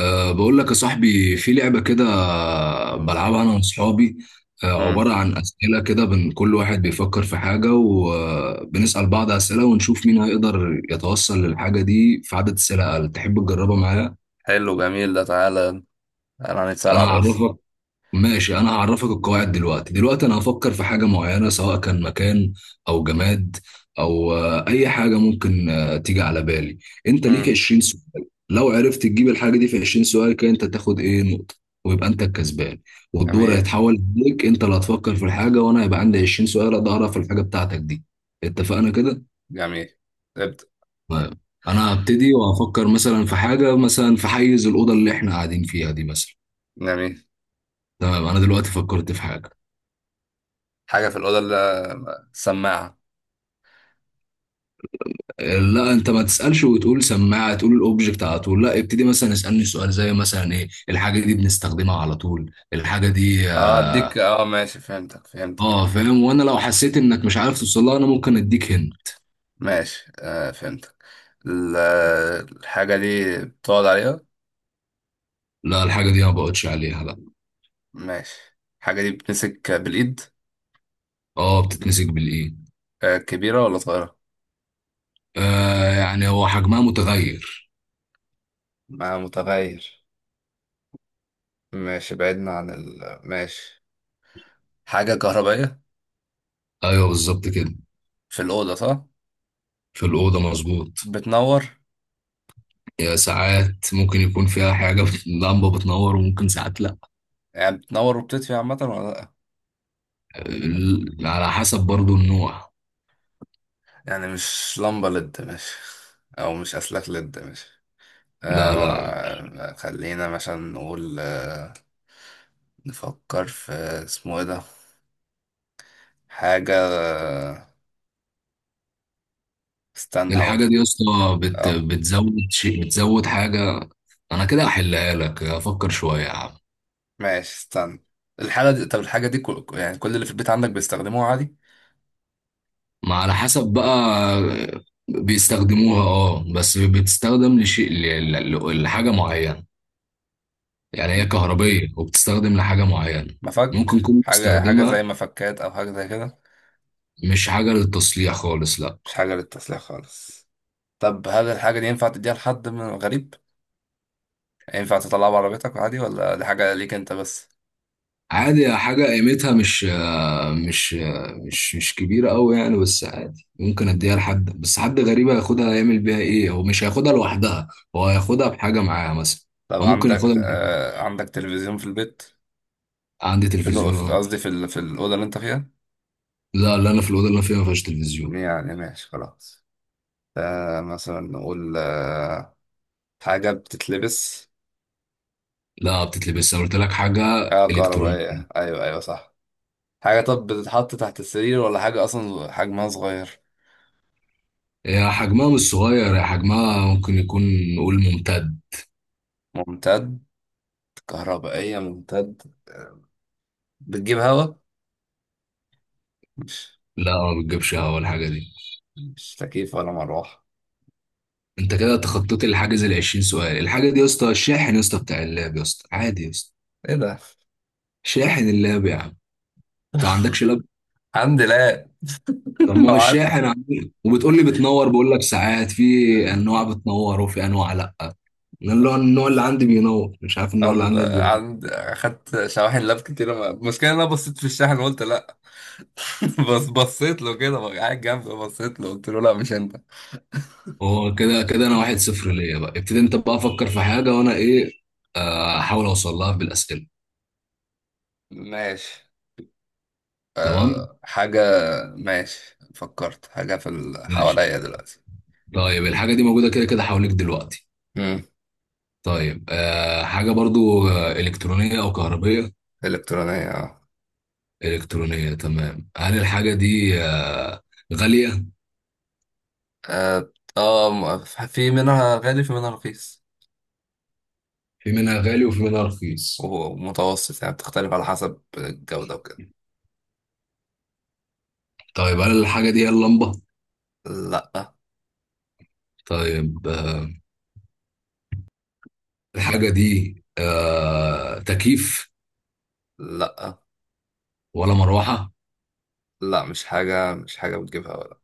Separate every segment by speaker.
Speaker 1: بقول لك يا صاحبي في لعبة كده
Speaker 2: اه.
Speaker 1: بلعبها أنا وأصحابي.
Speaker 2: مم.
Speaker 1: عبارة عن أسئلة كده، كل واحد بيفكر في حاجة وبنسأل بعض أسئلة ونشوف مين هيقدر يتوصل للحاجة دي في عدد أسئلة أقل. تحب تجربها معايا؟
Speaker 2: حلو جميل ده تعالى. تعالى
Speaker 1: أنا
Speaker 2: هنتسلع بس.
Speaker 1: هعرفك. ماشي، انا هعرفك القواعد دلوقتي. انا هفكر في حاجة معينة، سواء كان مكان او جماد او اي حاجة ممكن تيجي على بالي. انت ليك
Speaker 2: مم.
Speaker 1: 20 سؤال، لو عرفت تجيب الحاجة دي في 20 سؤال كده انت تاخد ايه نقطة ويبقى انت الكسبان. والدور
Speaker 2: جميل.
Speaker 1: هيتحول ليك، انت اللي هتفكر في الحاجة وانا هيبقى عندي 20 سؤال اقدر اعرف الحاجة بتاعتك دي. اتفقنا كده؟
Speaker 2: جميل. ابدأ.
Speaker 1: طيب. انا هبتدي وهفكر مثلا في حاجة، مثلا في حيز الأوضة اللي احنا قاعدين فيها دي مثلا.
Speaker 2: جميل.
Speaker 1: تمام، انا دلوقتي فكرت في حاجة.
Speaker 2: حاجة في الأوضة اللي السماعة.
Speaker 1: لا انت ما تسالش وتقول سماعه، تقول الاوبجكت على طول، لا ابتدي مثلا اسالني سؤال زي مثلا ايه الحاجه دي، بنستخدمها على طول الحاجه دي.
Speaker 2: اه اديك اه ماشي فهمتك.
Speaker 1: اه فاهم. وانا لو حسيت انك مش عارف توصلها انا ممكن اديك هن.
Speaker 2: ماشي آه فهمتك. ال- الحاجة دي بتقعد عليها.
Speaker 1: لا، الحاجه دي ما بقعدش عليها لا.
Speaker 2: ماشي، الحاجة دي بتمسك بالإيد.
Speaker 1: اه بتتمسك بالايه.
Speaker 2: آه كبيرة ولا صغيرة؟
Speaker 1: آه، يعني هو حجمها متغير.
Speaker 2: ما متغير. ماشي بعدنا عن ال ماشي. حاجة كهربائية.
Speaker 1: ايوه بالظبط كده.
Speaker 2: في الأوضة صح؟
Speaker 1: في الاوضه مظبوط.
Speaker 2: بتنور.
Speaker 1: يا ساعات ممكن يكون فيها حاجه لمبه بتنور وممكن ساعات لا.
Speaker 2: يعني بتنور وبتطفي عامة ولا لأ؟
Speaker 1: على حسب برضو النوع.
Speaker 2: يعني مش لمبة لد، ماشي. أو مش أسلاك لد، ماشي. آه
Speaker 1: لا لا.
Speaker 2: ما خلينا مثلا نقول آه، نفكر في اسمه ايه ده. حاجة آه، استنى
Speaker 1: الحاجة
Speaker 2: هقولك.
Speaker 1: دي يا اسطى بت...
Speaker 2: اه.
Speaker 1: بتزود شيء بتزود حاجة. أنا كده أحلها لك، أفكر شوية يا عم.
Speaker 2: ماشي استنى. الحاجة دي، طب الحاجة دي كل... يعني كل اللي في البيت عندك بيستخدموها عادي.
Speaker 1: ما على حسب بقى. بيستخدموها اه بس بتستخدم لحاجة معينة. يعني هي كهربية وبتستخدم لحاجة معينة.
Speaker 2: مفك.
Speaker 1: ممكن تكون
Speaker 2: حاجة، حاجة
Speaker 1: بتستخدمها.
Speaker 2: زي مفكات أو حاجة زي كده.
Speaker 1: مش حاجة للتصليح خالص لأ.
Speaker 2: مش حاجة للتسليح خالص. طب هل الحاجة دي ينفع تديها لحد من غريب؟ ينفع تطلعها بعربيتك عادي ولا دي حاجة ليك أنت بس؟
Speaker 1: عادي، حاجة قيمتها مش مش كبيرة أوي يعني، بس عادي ممكن أديها لحد، بس حد غريب هياخدها هيعمل بيها إيه؟ هو مش هياخدها لوحدها، هو هياخدها بحاجة معاها مثلا.
Speaker 2: طب
Speaker 1: أو ممكن
Speaker 2: عندك
Speaker 1: ياخدها
Speaker 2: آه، عندك تلفزيون في البيت؟
Speaker 1: عندي
Speaker 2: في الأو-
Speaker 1: تلفزيون
Speaker 2: في-
Speaker 1: أه.
Speaker 2: قصدي في ال- في الأوضة اللي أنت فيها.
Speaker 1: لا لا، أنا في الأوضة اللي أنا فيها ما فيهاش تلفزيون.
Speaker 2: يعني ماشي، خلاص. آه مثلا نقول آه، حاجة بتتلبس.
Speaker 1: لا بتتلبس، أنا قلت لك حاجة
Speaker 2: آه
Speaker 1: إلكترونية.
Speaker 2: كهربائية، أيوه أيوه صح. حاجة، طب بتتحط تحت السرير ولا حاجة أصلا حجمها صغير؟
Speaker 1: هي حجمها مش صغير، هي حجمها ممكن يكون، نقول ممتد.
Speaker 2: ممتد. كهربائية ممتد. بتجيب هوا؟ مش
Speaker 1: لا، ما بتجيبش هوا الحاجة دي.
Speaker 2: مش تكييف ولا مروحة؟
Speaker 1: أنت كده تخطيت الحاجز ال 20 سؤال. الحاجة دي يا اسطى الشاحن يا اسطى، بتاع اللاب يا اسطى عادي يا اسطى.
Speaker 2: إيه ده؟
Speaker 1: شاحن اللاب يا عم. أنت ما عندكش لاب؟
Speaker 2: الحمد لله.
Speaker 1: طب ما هو
Speaker 2: نوعات.
Speaker 1: الشاحن عميق وبتقول لي بتنور، بقول لك ساعات في انواع بتنور وفي انواع لا. انا اللي هو النوع اللي عندي بينور، مش عارف النوع اللي
Speaker 2: ال-
Speaker 1: عندك بينور.
Speaker 2: عند اخدت شواحن لاب كتير. ما- المشكله ان انا بصيت في الشاحن وقلت لا. بس بصيت له كده بقى قاعد جنبي، بصيت له قلت له لا مش انت.
Speaker 1: هو كده كده انا واحد صفر ليا بقى. ابتدي انت بقى، افكر في حاجه وانا ايه احاول اوصل لها بالاسئله.
Speaker 2: ماشي.
Speaker 1: تمام.
Speaker 2: حاجه. ماشي فكرت حاجه في ال-
Speaker 1: ماشي.
Speaker 2: حواليا دلوقتي.
Speaker 1: طيب، الحاجه دي موجوده كده كده حواليك دلوقتي؟
Speaker 2: امم.
Speaker 1: طيب، حاجه برضو الكترونيه او كهربيه.
Speaker 2: الكترونيه اه.
Speaker 1: الكترونيه تمام. هل الحاجه دي غاليه؟
Speaker 2: اه آه، في منها غالي في منها رخيص
Speaker 1: في منها غالي وفي منها رخيص.
Speaker 2: ومتوسط، يعني بتختلف على حسب الجوده وكده.
Speaker 1: طيب هل الحاجه دي هي اللمبه؟
Speaker 2: لا.
Speaker 1: طيب الحاجة دي تكييف
Speaker 2: لا،
Speaker 1: ولا مروحة؟
Speaker 2: لا مش حاجه، مش حاجه بتجيبها ولا.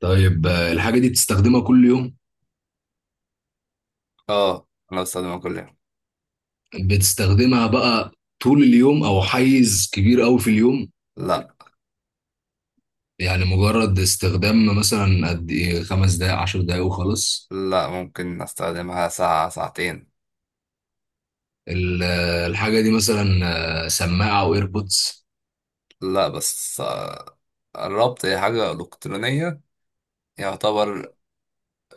Speaker 1: طيب الحاجة دي بتستخدمها كل يوم؟
Speaker 2: اه انا بستخدمها كل يوم.
Speaker 1: بتستخدمها بقى طول اليوم أو حيز كبير أوي في اليوم؟
Speaker 2: لا.
Speaker 1: يعني مجرد استخدام مثلا قد إيه، خمس دقايق عشر دقايق وخلاص؟
Speaker 2: لا ممكن استخدمها ساعة ساعتين.
Speaker 1: الحاجة دي مثلا سماعة أو إيربودز؟
Speaker 2: لا بس آه، الربط هي حاجة إلكترونية يعتبر.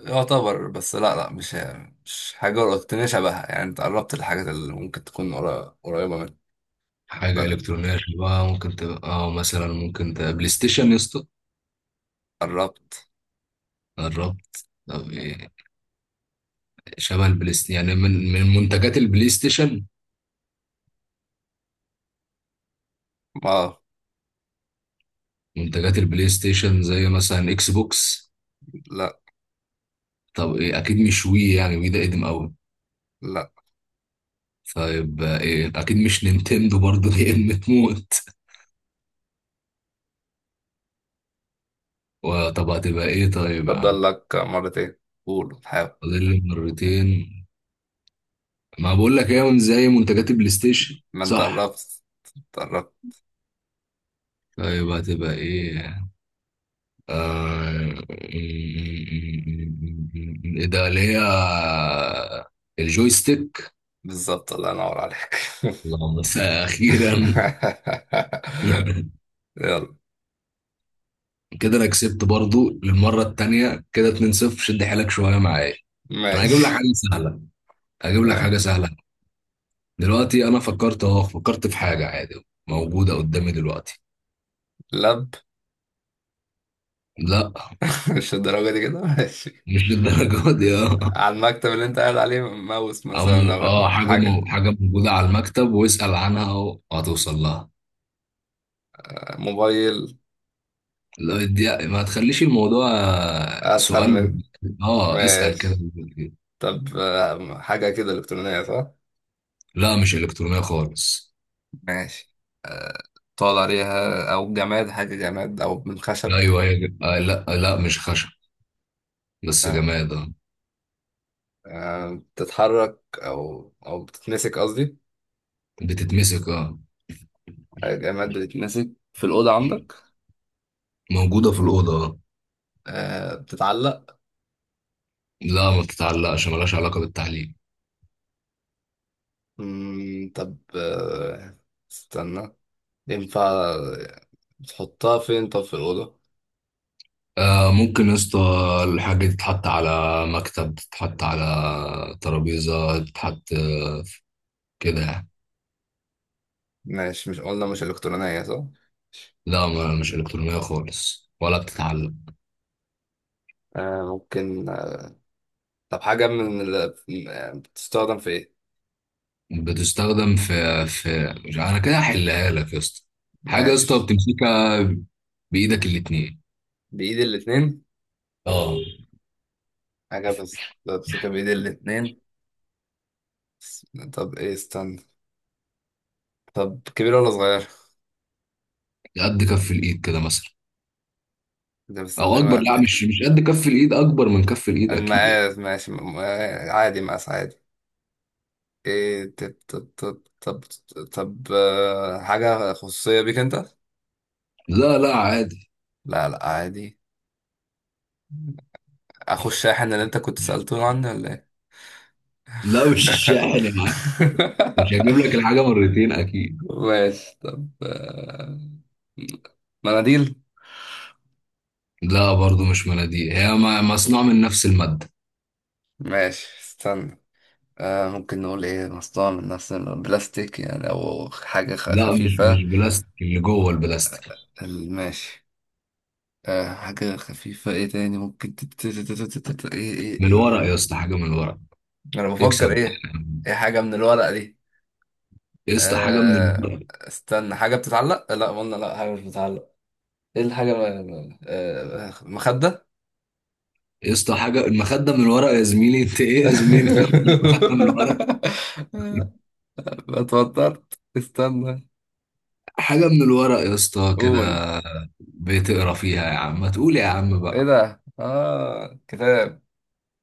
Speaker 2: يعتبر بس لا، لا مش حاجة إلكترونية شبهها، يعني انت قربت الحاجات اللي ممكن تكون قريبة منها.
Speaker 1: حاجة
Speaker 2: لا.
Speaker 1: إلكترونية شبه ممكن تبقى، أو مثلا ممكن تبقى بلاي ستيشن يا اسطى؟
Speaker 2: قربت.
Speaker 1: قربت طب إيه؟ شبه البلاي ستيشن يعني من منتجات البلاي ستيشن.
Speaker 2: ما
Speaker 1: منتجات البلاي ستيشن زي مثلا اكس بوكس.
Speaker 2: لا.
Speaker 1: طب ايه، اكيد مش وي، يعني وي ده قديم قوي.
Speaker 2: لا.
Speaker 1: طيب ايه، اكيد مش نينتندو برضه لان تموت. وطب هتبقى ايه طيب يا
Speaker 2: فضل
Speaker 1: عم.
Speaker 2: لك مرتين. قول حاول.
Speaker 1: فاضل لي مرتين. ما بقول لك ايه، من زي منتجات البلاي ستيشن
Speaker 2: ما انت
Speaker 1: صح؟
Speaker 2: قربت. انت قربت.
Speaker 1: طيب هتبقى ايه؟ ايه ده اللي هي، الجويستيك.
Speaker 2: بالظبط، الله ينور عليك.
Speaker 1: اللهم اخيرا.
Speaker 2: يلا.
Speaker 1: كده انا كسبت برضو للمره التانيه كده 2-0. شد حيلك شويه معايا. انا هجيب لك
Speaker 2: ماشي.
Speaker 1: حاجه سهله، هجيب لك حاجه
Speaker 2: ماشي.
Speaker 1: سهله. دلوقتي انا فكرت اهو، فكرت في حاجه عادي موجوده قدامي دلوقتي.
Speaker 2: لب.
Speaker 1: لا
Speaker 2: مش الدرجة دي كده، ماشي.
Speaker 1: مش للدرجه دي اه.
Speaker 2: على المكتب اللي انت قاعد عليه، ماوس مثلا او
Speaker 1: حاجه
Speaker 2: حاجة.
Speaker 1: حاجه موجوده على المكتب، واسال عنها وهتوصل لها.
Speaker 2: موبايل.
Speaker 1: لا ما تخليش الموضوع
Speaker 2: اسهل
Speaker 1: سؤال
Speaker 2: من.
Speaker 1: اه اسال كده.
Speaker 2: ماشي. طب آه، حاجة كده إلكترونية صح؟
Speaker 1: لا مش الكترونيه خالص.
Speaker 2: ماشي. طال عليها، أو جماد؟ حاجة جماد أو من خشب.
Speaker 1: ايوه هي آه، لا لا مش خشب، بس
Speaker 2: آه.
Speaker 1: جماد اه.
Speaker 2: آه، بتتحرك أو أو بتتمسك قصدي.
Speaker 1: بتتمسك اه.
Speaker 2: آه، جماد بتتمسك في الأوضة عندك.
Speaker 1: موجودة في الأوضة آه.
Speaker 2: آه. بتتعلق.
Speaker 1: لا ما تتعلقش، ملهاش علاقة بالتعليم.
Speaker 2: مم. طب آه، استنى. ينفع تحطها فين طب في الأوضة؟
Speaker 1: آه ممكن يا اسطى، الحاجة دي تتحط على مكتب، تتحط على ترابيزة، تتحط كده يعني.
Speaker 2: ماشي. مش قلنا مش إلكترونية صح؟
Speaker 1: لا ما مش إلكترونية خالص ولا بتتعلق.
Speaker 2: آه ممكن آه، طب حاجة من ال... آه، بتستخدم في إيه؟
Speaker 1: بتستخدم في، في مش، أنا كده هحلها لك يا اسطى. حاجة يا اسطى
Speaker 2: ماشي.
Speaker 1: بتمسكها بإيدك الاتنين.
Speaker 2: بإيد الاتنين.
Speaker 1: اه.
Speaker 2: حاجة بس بمسكها بإيد الاتنين. بس- طب إيه استنى. طب كبيرة ولا صغيرة؟
Speaker 1: قد كف الإيد كده مثلا،
Speaker 2: ده
Speaker 1: أو
Speaker 2: بستخدمها
Speaker 1: أكبر.
Speaker 2: قد
Speaker 1: لا
Speaker 2: كده.
Speaker 1: مش قد كف الإيد، أكبر من كف الإيد أكيد يعني.
Speaker 2: المقاس ماشي، آه، عادي، مقاس عادي. إيه؟ طب طب آه، حاجة خصوصية بيك أنت؟
Speaker 1: لا لا عادي.
Speaker 2: لا لا عادي. أخو الشاحن اللي أنت كنت سألته عني ولا إيه؟
Speaker 1: لا مش الشاحن يا معلم، مش هجيب لك الحاجة مرتين أكيد.
Speaker 2: ماشي. طب آه، مناديل.
Speaker 1: لا برضو مش مناديل، هي مصنوع من نفس المادة.
Speaker 2: ماشي استنى. آه ممكن نقول ايه، مصنوع من نفس البلاستيك يعني او حاجة
Speaker 1: لا مش
Speaker 2: خفيفة.
Speaker 1: بلاستيك، اللي جوه البلاستيك.
Speaker 2: ال- ماشي. آه، حاجة خفيفة، ايه تاني ممكن ايه ايه
Speaker 1: من
Speaker 2: ايه
Speaker 1: الورق يا
Speaker 2: ايه.
Speaker 1: اسطى، حاجة من الورق.
Speaker 2: انا
Speaker 1: اكسب
Speaker 2: بفكر
Speaker 1: بقى
Speaker 2: ايه.
Speaker 1: يا عم.
Speaker 2: ايه حاجة من الورق دي؟
Speaker 1: يا اسطى حاجة من
Speaker 2: آه
Speaker 1: الورق.
Speaker 2: استنى، حاجة بتتعلق؟ لا قلنا لا، حاجة مش بتتعلق. ايه الحاجة آه، مخدة.
Speaker 1: يا اسطى، حاجة المخدة من الورق يا زميلي، أنت إيه يا زميلي بتنام المخدة من الورق؟
Speaker 2: لا اتوترت، استنى.
Speaker 1: حاجة من الورق يا اسطى
Speaker 2: قول.
Speaker 1: كده، بتقرا فيها يا عم، ما تقول يا عم
Speaker 2: ايه
Speaker 1: بقى.
Speaker 2: ده؟ اه كتاب.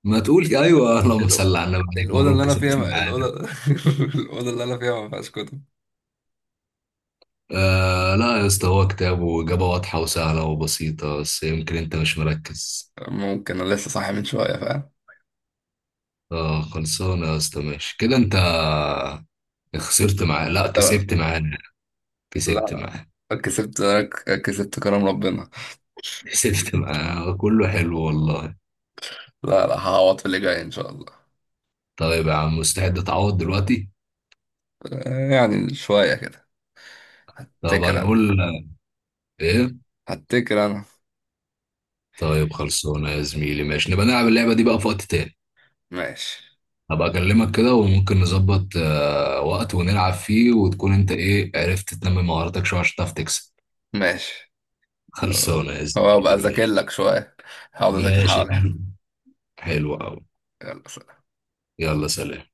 Speaker 1: ما تقول أيوه، اللهم
Speaker 2: الأو-
Speaker 1: صل على النبي، عليك
Speaker 2: الأوضة اللي
Speaker 1: مبروك
Speaker 2: أنا
Speaker 1: كسبت
Speaker 2: فيها، الأوضة
Speaker 1: معانا.
Speaker 2: الأوضة اللي أنا فيها ما فيهاش كتب.
Speaker 1: آه لا يا اسطى، هو كتاب، وإجابة واضحة وسهلة وبسيطة، بس يمكن أنت مش مركز.
Speaker 2: ممكن أنا لسه صاحي من شوية، فاهم؟
Speaker 1: آه خلصانة يا اسطى، ماشي. كده أنت خسرت معاه، لا كسبت معانا، كسبت
Speaker 2: لا.
Speaker 1: معاه.
Speaker 2: لا كسبت. كسبت كرم ربنا.
Speaker 1: كسبت معاه كله حلو والله.
Speaker 2: لا لا، هعوض في اللي جاي إن شاء الله.
Speaker 1: طيب يا عم، مستعد تعوض دلوقتي؟
Speaker 2: يعني شوية كده.
Speaker 1: طب
Speaker 2: هتكر أنا.
Speaker 1: هنقول إيه؟
Speaker 2: هتكر أنا.
Speaker 1: طيب خلصانة يا زميلي ماشي، نبقى نلعب اللعبة دي بقى في وقت تاني.
Speaker 2: ماشي.
Speaker 1: هبقى أكلمك كده وممكن نظبط آه وقت ونلعب فيه وتكون أنت إيه، عرفت تنمي مهاراتك شوية عشان تعرف تكسب.
Speaker 2: ماشي. أه،
Speaker 1: خلصانة يا
Speaker 2: هو أبقى
Speaker 1: زميلي
Speaker 2: أذاكر
Speaker 1: ماشي.
Speaker 2: لك شوية. هقعد أذاكر
Speaker 1: ماشي.
Speaker 2: حوالي.
Speaker 1: حلو قوي.
Speaker 2: يلا سلام.
Speaker 1: يلا سلام.